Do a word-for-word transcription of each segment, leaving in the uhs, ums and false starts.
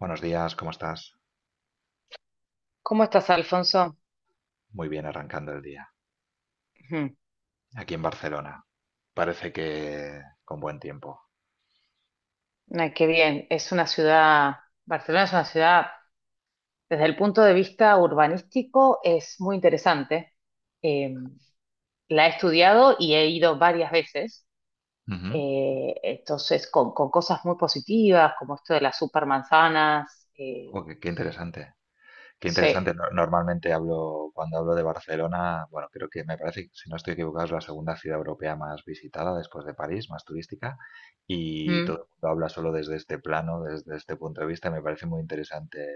Buenos días, ¿cómo estás? ¿Cómo estás, Alfonso? Muy bien arrancando el día. Ujú. Aquí en Barcelona. Parece que con buen tiempo. Ay, qué bien. Es una ciudad, Barcelona es una ciudad, desde el punto de vista urbanístico, es muy interesante. Eh, la he estudiado y he ido varias veces. Ujú. Eh, entonces, con, con cosas muy positivas, como esto de las supermanzanas. eh, Oh, qué, qué interesante. Qué interesante. Sí. No- normalmente hablo, cuando hablo de Barcelona, bueno, creo que me parece que, si no estoy equivocado, es la segunda ciudad europea más visitada después de París, más turística. Y todo Mm. el mundo habla solo desde este plano, desde este punto de vista. y Me parece muy interesante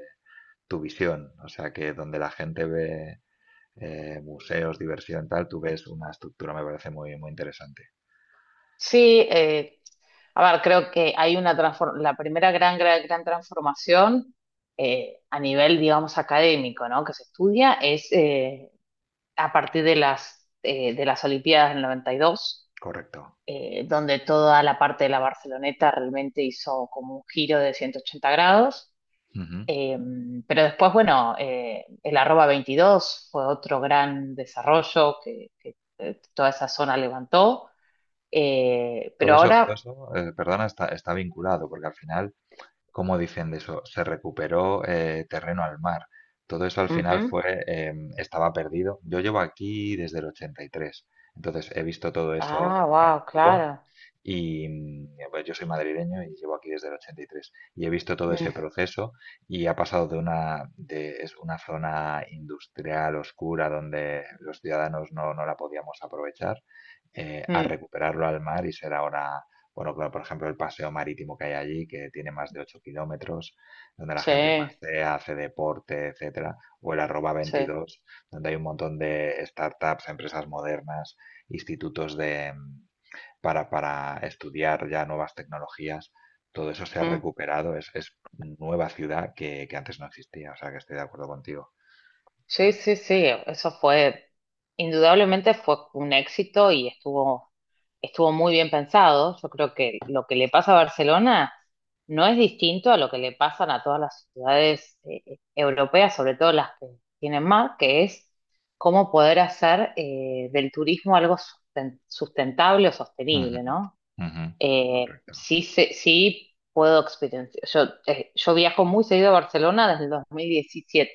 tu visión. O sea, que donde la gente ve eh, museos, diversión, tal, tú ves una estructura, me parece muy, muy interesante. Sí, eh, a ver, creo que hay una transfor- la primera gran, gran, gran transformación eh, a nivel, digamos, académico, ¿no? Que se estudia es eh, a partir de las, eh, de las Olimpiadas del noventa y dos, Correcto. eh, donde toda la parte de la Barceloneta realmente hizo como un giro de ciento ochenta grados. Ujú. Eh, pero después, bueno, eh, el arroba veintidós fue otro gran desarrollo que, que, eh, toda esa zona levantó. Eh, Todo pero eso, todo ahora eso, eh, perdona, está, está vinculado, porque al final, ¿como dicen de eso? Se recuperó eh, terreno al mar. Todo eso al final Ujú. fue, em, estaba perdido. Yo llevo aquí desde el ochenta y tres, entonces he visto todo eso Ah, wow, en vivo. claro. Y mm, pues yo soy madrileño y llevo aquí desde el ochenta y tres y he visto todo ese Mm, proceso, y ha pasado de una, de, es una zona industrial oscura donde los ciudadanos no, no la podíamos aprovechar, eh, a mm, recuperarlo al mar y ser ahora, bueno, claro, por ejemplo, el paseo marítimo que hay allí, que tiene más de ocho kilómetros, donde la sí, gente pasea, hace deporte, etcétera, o el arroba sí. veintidós, donde hay un montón de startups, empresas modernas, institutos de, mm, para, para estudiar ya nuevas tecnologías. Todo eso se ha Mm. recuperado, es, es nueva ciudad que, que antes no existía, o sea que estoy de acuerdo contigo. Sí, sí, sí. Eso fue, Indudablemente fue un éxito y estuvo, estuvo muy bien pensado. Yo creo que lo que le pasa a Barcelona no es distinto a lo que le pasan a todas las ciudades eh, europeas, sobre todo las que tienen mar, que es cómo poder hacer eh, del turismo algo susten- sustentable o Ujú, sostenible, ¿no? ujú. Eh, Correcto. Sí, sé- sí puedo experienciar. Yo, eh, yo viajo muy seguido a Barcelona desde el dos mil diecisiete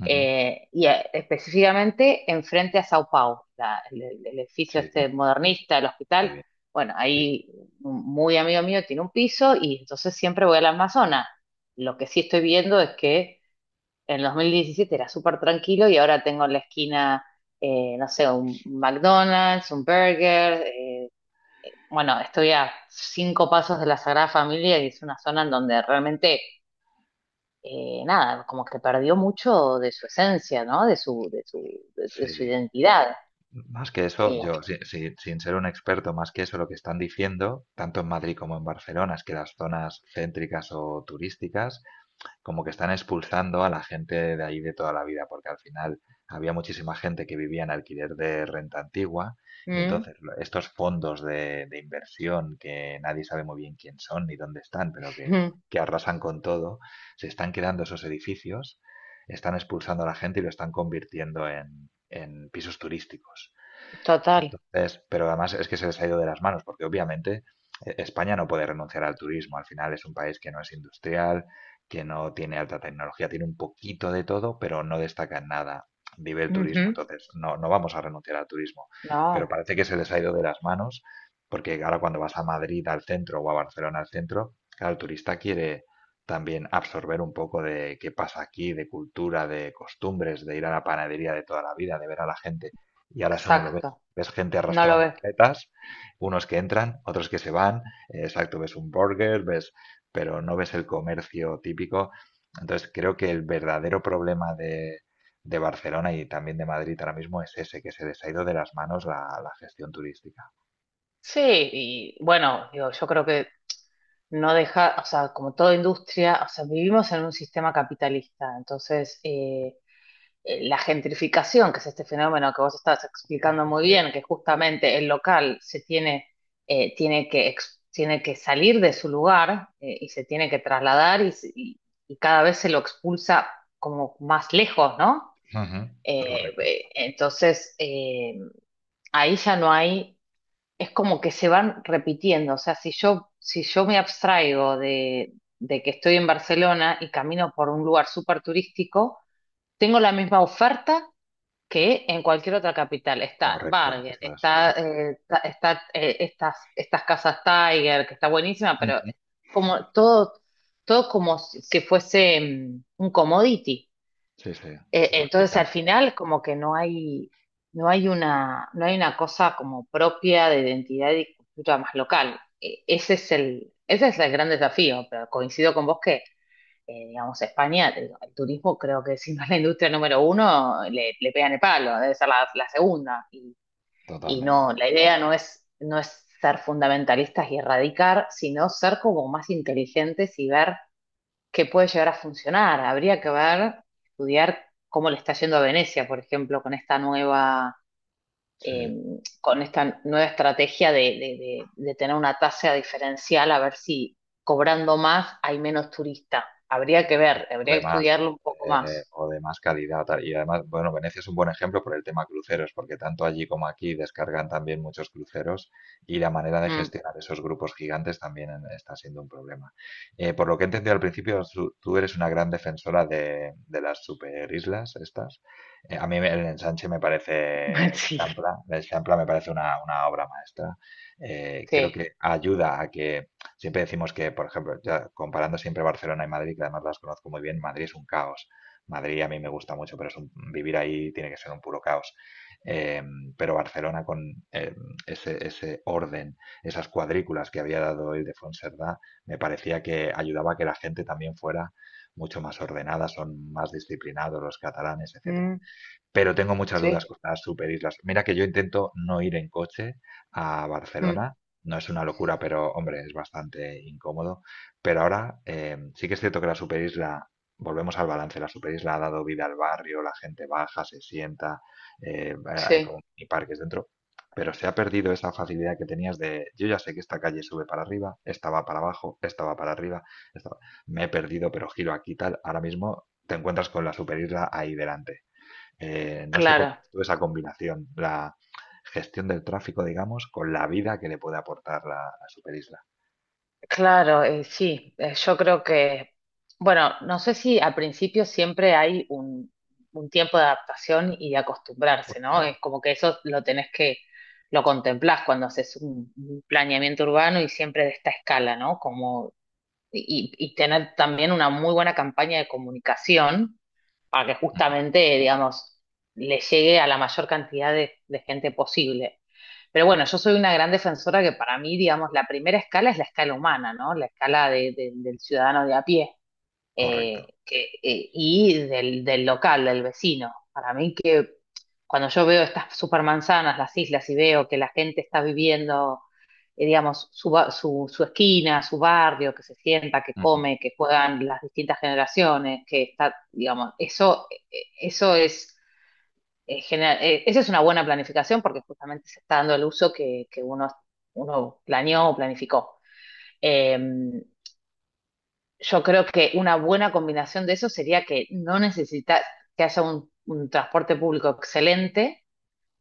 Ujú. eh, y eh, específicamente enfrente a Sao Paulo, la- el, el- el edificio Sí, este modernista, el muy hospital. bien. Bueno, Sí, ahí un muy amigo mío tiene un piso y entonces siempre voy al Amazonas. Lo que sí estoy viendo es que en dos mil diecisiete era súper tranquilo y ahora tengo en la esquina, eh, no sé, un McDonald's, un burger. Eh, bueno, estoy a cinco pasos de la Sagrada Familia y es una zona en donde realmente, eh, nada, como que perdió mucho de su esencia, ¿no? De su, de su, de, sí. de su Sí. identidad. Más que eso, yo, Eh, si- si- sin ser un experto, más que eso, lo que están diciendo, tanto en Madrid como en Barcelona, es que las zonas céntricas o turísticas como que están expulsando a la gente de ahí de toda la vida, porque al final había muchísima gente que vivía en alquiler de renta antigua, y mm, entonces lo- estos fondos de, de inversión, que nadie sabe muy bien quién son ni dónde están, pero que, mm, que arrasan con todo, se están quedando esos edificios, están expulsando a la gente y lo están convirtiendo en, en pisos turísticos. total. Entonces, pero además es que se les ha ido de las manos, porque obviamente eh, España no puede renunciar al turismo. Al final es un país que no es industrial, que no tiene alta tecnología, tiene un poquito de todo, pero no destaca en nada. Vive el turismo, Ujú. entonces no, no vamos a renunciar al turismo. Pero No, parece que se les ha ido de las manos, porque ahora cuando vas a Madrid al centro o a Barcelona al centro, claro, el turista quiere también absorber un poco de qué pasa aquí, de cultura, de costumbres, de ir a la panadería de toda la vida, de ver a la gente. Y ahora eso no lo ve. exacto. Ves gente No lo arrastrando ves. maletas, unos que entran, otros que se van, eh, exacto, ves un burger, ves, pero no ves el comercio típico. Entonces creo que el verdadero problema de, de Barcelona y también de Madrid ahora mismo es ese, que se les ha ido de las manos la, la gestión turística. Sí, y bueno, digo, yo creo que no deja, o sea, como toda industria, o sea, vivimos en un sistema capitalista, entonces, eh, eh, la gentrificación, que es este fenómeno que vos estás explicando muy Sí. bien, que justamente el local se tiene, eh, tiene que, ex- tiene que salir de su lugar eh, y se tiene que trasladar y, se- y- y- cada vez se lo expulsa como más lejos, ¿no? Ujú. Eh, Correcto, eh, entonces, eh, ahí ya no hay, es como que se van repitiendo, o sea, si yo, si yo me abstraigo de, de que estoy en Barcelona y camino por un lugar súper turístico, tengo la misma oferta que en cualquier otra capital. Está correcto, Bargain, eso es. está, eh, ta- está, eh, estas, estas casas Tiger, que está buenísima, pero Ujú. como todo, todo como si si fuese mm, un commodity. Sí, sí, Eh, entonces al replicando final como que no hay, no hay una, no hay una cosa como propia de identidad y cultura más local. Eh, Ese es el, ese es el gran desafío, pero coincido con vos eh, digamos, España, te digo, el turismo creo que si no es la industria número uno, le, le pegan el palo, debe ser la, la segunda. Y, y no, totalmente. la idea no es, no es ser fundamentalistas y erradicar, sino ser como más inteligentes y ver qué puede llegar a funcionar. Habría que ver, estudiar cómo le está yendo a Venecia, por ejemplo, con esta nueva eh, Sí. con esta nueva estrategia de, de- de- de tener una tasa diferencial, a ver si cobrando más hay menos turistas. Habría que ver, O habría de que más, estudiarlo o un poco de, más. o de más calidad. Tal. Y además, bueno, Venecia es un buen ejemplo por el tema cruceros, porque tanto allí como aquí descargan también muchos cruceros, y la manera de Mm, gestionar esos grupos gigantes también en- está siendo un problema. Eh, por lo que he entendido al principio, su- tú eres una gran defensora de, de las superislas estas. Eh, a mí me- el ensanche me parece, sí, Champla, el Champla me parece una, una obra maestra. Eh, creo sí, que ayuda a que. Siempre decimos que, por ejemplo, ya comparando siempre Barcelona y Madrid, que además las conozco muy bien, Madrid es un caos. Madrid a mí me gusta mucho, pero es un- vivir ahí tiene que ser un puro caos. Eh, pero Barcelona con eh, ese, ese orden, esas cuadrículas que había dado Ildefonso Cerdá, me parecía que ayudaba a que la gente también fuera mucho más ordenada, son más disciplinados los catalanes, etcétera. mm, Pero tengo muchas dudas sí, con las superislas. Mira que yo intento no ir en coche a mm, Barcelona. No es una locura, pero hombre, es bastante incómodo. Pero ahora eh, sí que es cierto que la superisla, volvemos al balance, la superisla ha dado vida al barrio, la gente baja, se sienta, eh, hay como sí, mini parques dentro. Pero se ha perdido esa facilidad que tenías de, yo ya sé que esta calle sube para arriba, esta va para abajo, esta va para arriba, esta va- me he perdido, pero giro aquí tal. Ahora mismo te encuentras con la superisla ahí delante. Eh, no sé cómo claro. ves tú esa combinación, la gestión del tráfico, digamos, con la vida que le puede aportar la, la superisla. Claro, eh, sí, eh, yo creo que, bueno, no sé si al principio siempre hay un, un tiempo de adaptación y de acostumbrarse, Puede ¿no? Es ser. como que eso lo tenés que, lo contemplás cuando haces un, un planeamiento urbano y siempre de esta escala, ¿no? Como, y, y tener también una muy buena campaña de comunicación para que Ujú. justamente, digamos, le llegue a la mayor cantidad de de gente posible. Pero bueno, yo soy una gran defensora que para mí, digamos, la primera escala es la escala humana, ¿no? La escala de- de- del ciudadano de a pie eh, Correcto. que, eh, y del, del local, del vecino. Para mí que cuando yo veo estas supermanzanas, las islas, y veo que la gente está viviendo, eh, digamos, su, ba- su, su esquina, su barrio, que se sienta, que Ujú. come, que juegan las distintas generaciones, que está, digamos, eso, eh, eso es eh, genera- eh, esa es una buena planificación porque justamente se está dando el uso que, que uno, uno planeó o planificó. Eh, yo creo que una buena combinación de eso sería que no necesitas que haya un, un transporte público excelente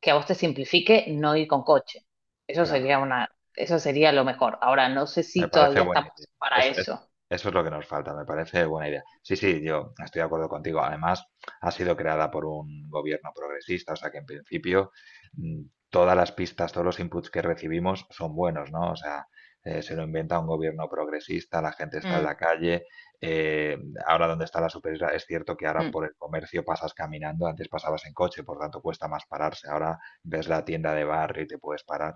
que a vos te simplifique no ir con coche. Eso Claro. sería una, eso sería lo mejor. Ahora, no sé Me si parece todavía buena idea. estamos para Eso es, eso. eso es lo que nos falta, me parece buena idea. Sí, sí, yo estoy de acuerdo contigo. Además, ha sido creada por un gobierno progresista, o sea que en principio mm, todas las pistas, todos los inputs que recibimos son buenos, ¿no? O sea, eh, se lo inventa un gobierno progresista, la gente está en la Mm, calle. eh, Ahora donde está la superioridad, es cierto que ahora mm. por el comercio pasas caminando, antes pasabas en coche, por tanto cuesta más pararse. Ahora ves la tienda de barrio y te puedes parar.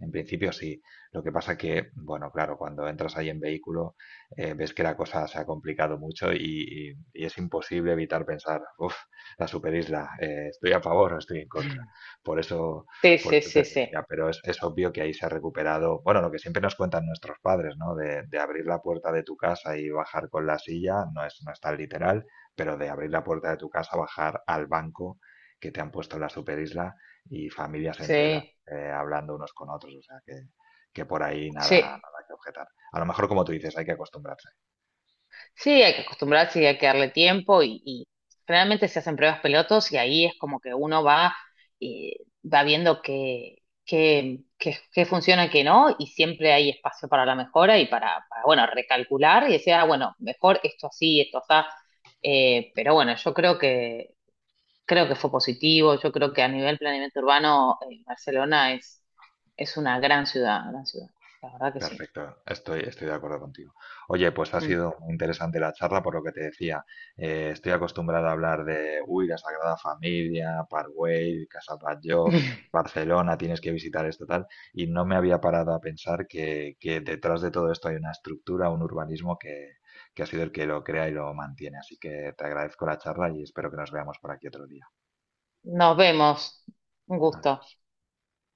En principio sí. Lo que pasa que, bueno, claro, cuando entras ahí en vehículo, eh, ves que la cosa se ha complicado mucho, y, y- y es imposible evitar pensar, uff, la superisla, eh, estoy a favor o estoy en contra. Por eso, Sí, por sí, eso te sí, sí. decía, pero es, es obvio que ahí se ha recuperado, bueno, lo que siempre nos cuentan nuestros padres, ¿no? De, de abrir la puerta de tu casa y bajar con la silla, no es, no es tan literal, pero de abrir la puerta de tu casa, bajar al banco que te han puesto en la superisla, y familias enteras Sí, eh, hablando unos con otros. O sea que que por ahí nada, sí. nada que objetar. A lo mejor, como tú dices, hay que acostumbrarse. Sí, hay que acostumbrarse y hay que darle tiempo y, y generalmente se hacen pruebas pilotos y ahí es como que uno va, eh, va viendo qué qué qué- qué funciona y qué no y siempre hay espacio para la mejora y para, para, bueno, recalcular y decir, ah, bueno, mejor esto así, esto así. Eh, pero bueno, yo creo que, creo que fue positivo, yo creo que a nivel planeamiento urbano, eh, Barcelona es, es una gran ciudad, gran ciudad, la verdad que sí. Perfecto, estoy, estoy de acuerdo contigo. Oye, pues ha Mm. sido muy interesante la charla, por lo que te decía. Eh, estoy acostumbrado a hablar de, uy, la Sagrada Familia, Parkway, Casa Batlló, Barcelona, tienes que visitar esto, tal. Y no me había parado a pensar que, que detrás de todo esto hay una estructura, un urbanismo que, que ha sido el que lo crea y lo mantiene. Así que te agradezco la charla y espero que nos veamos por aquí otro día. Nos vemos, un Adiós. gusto.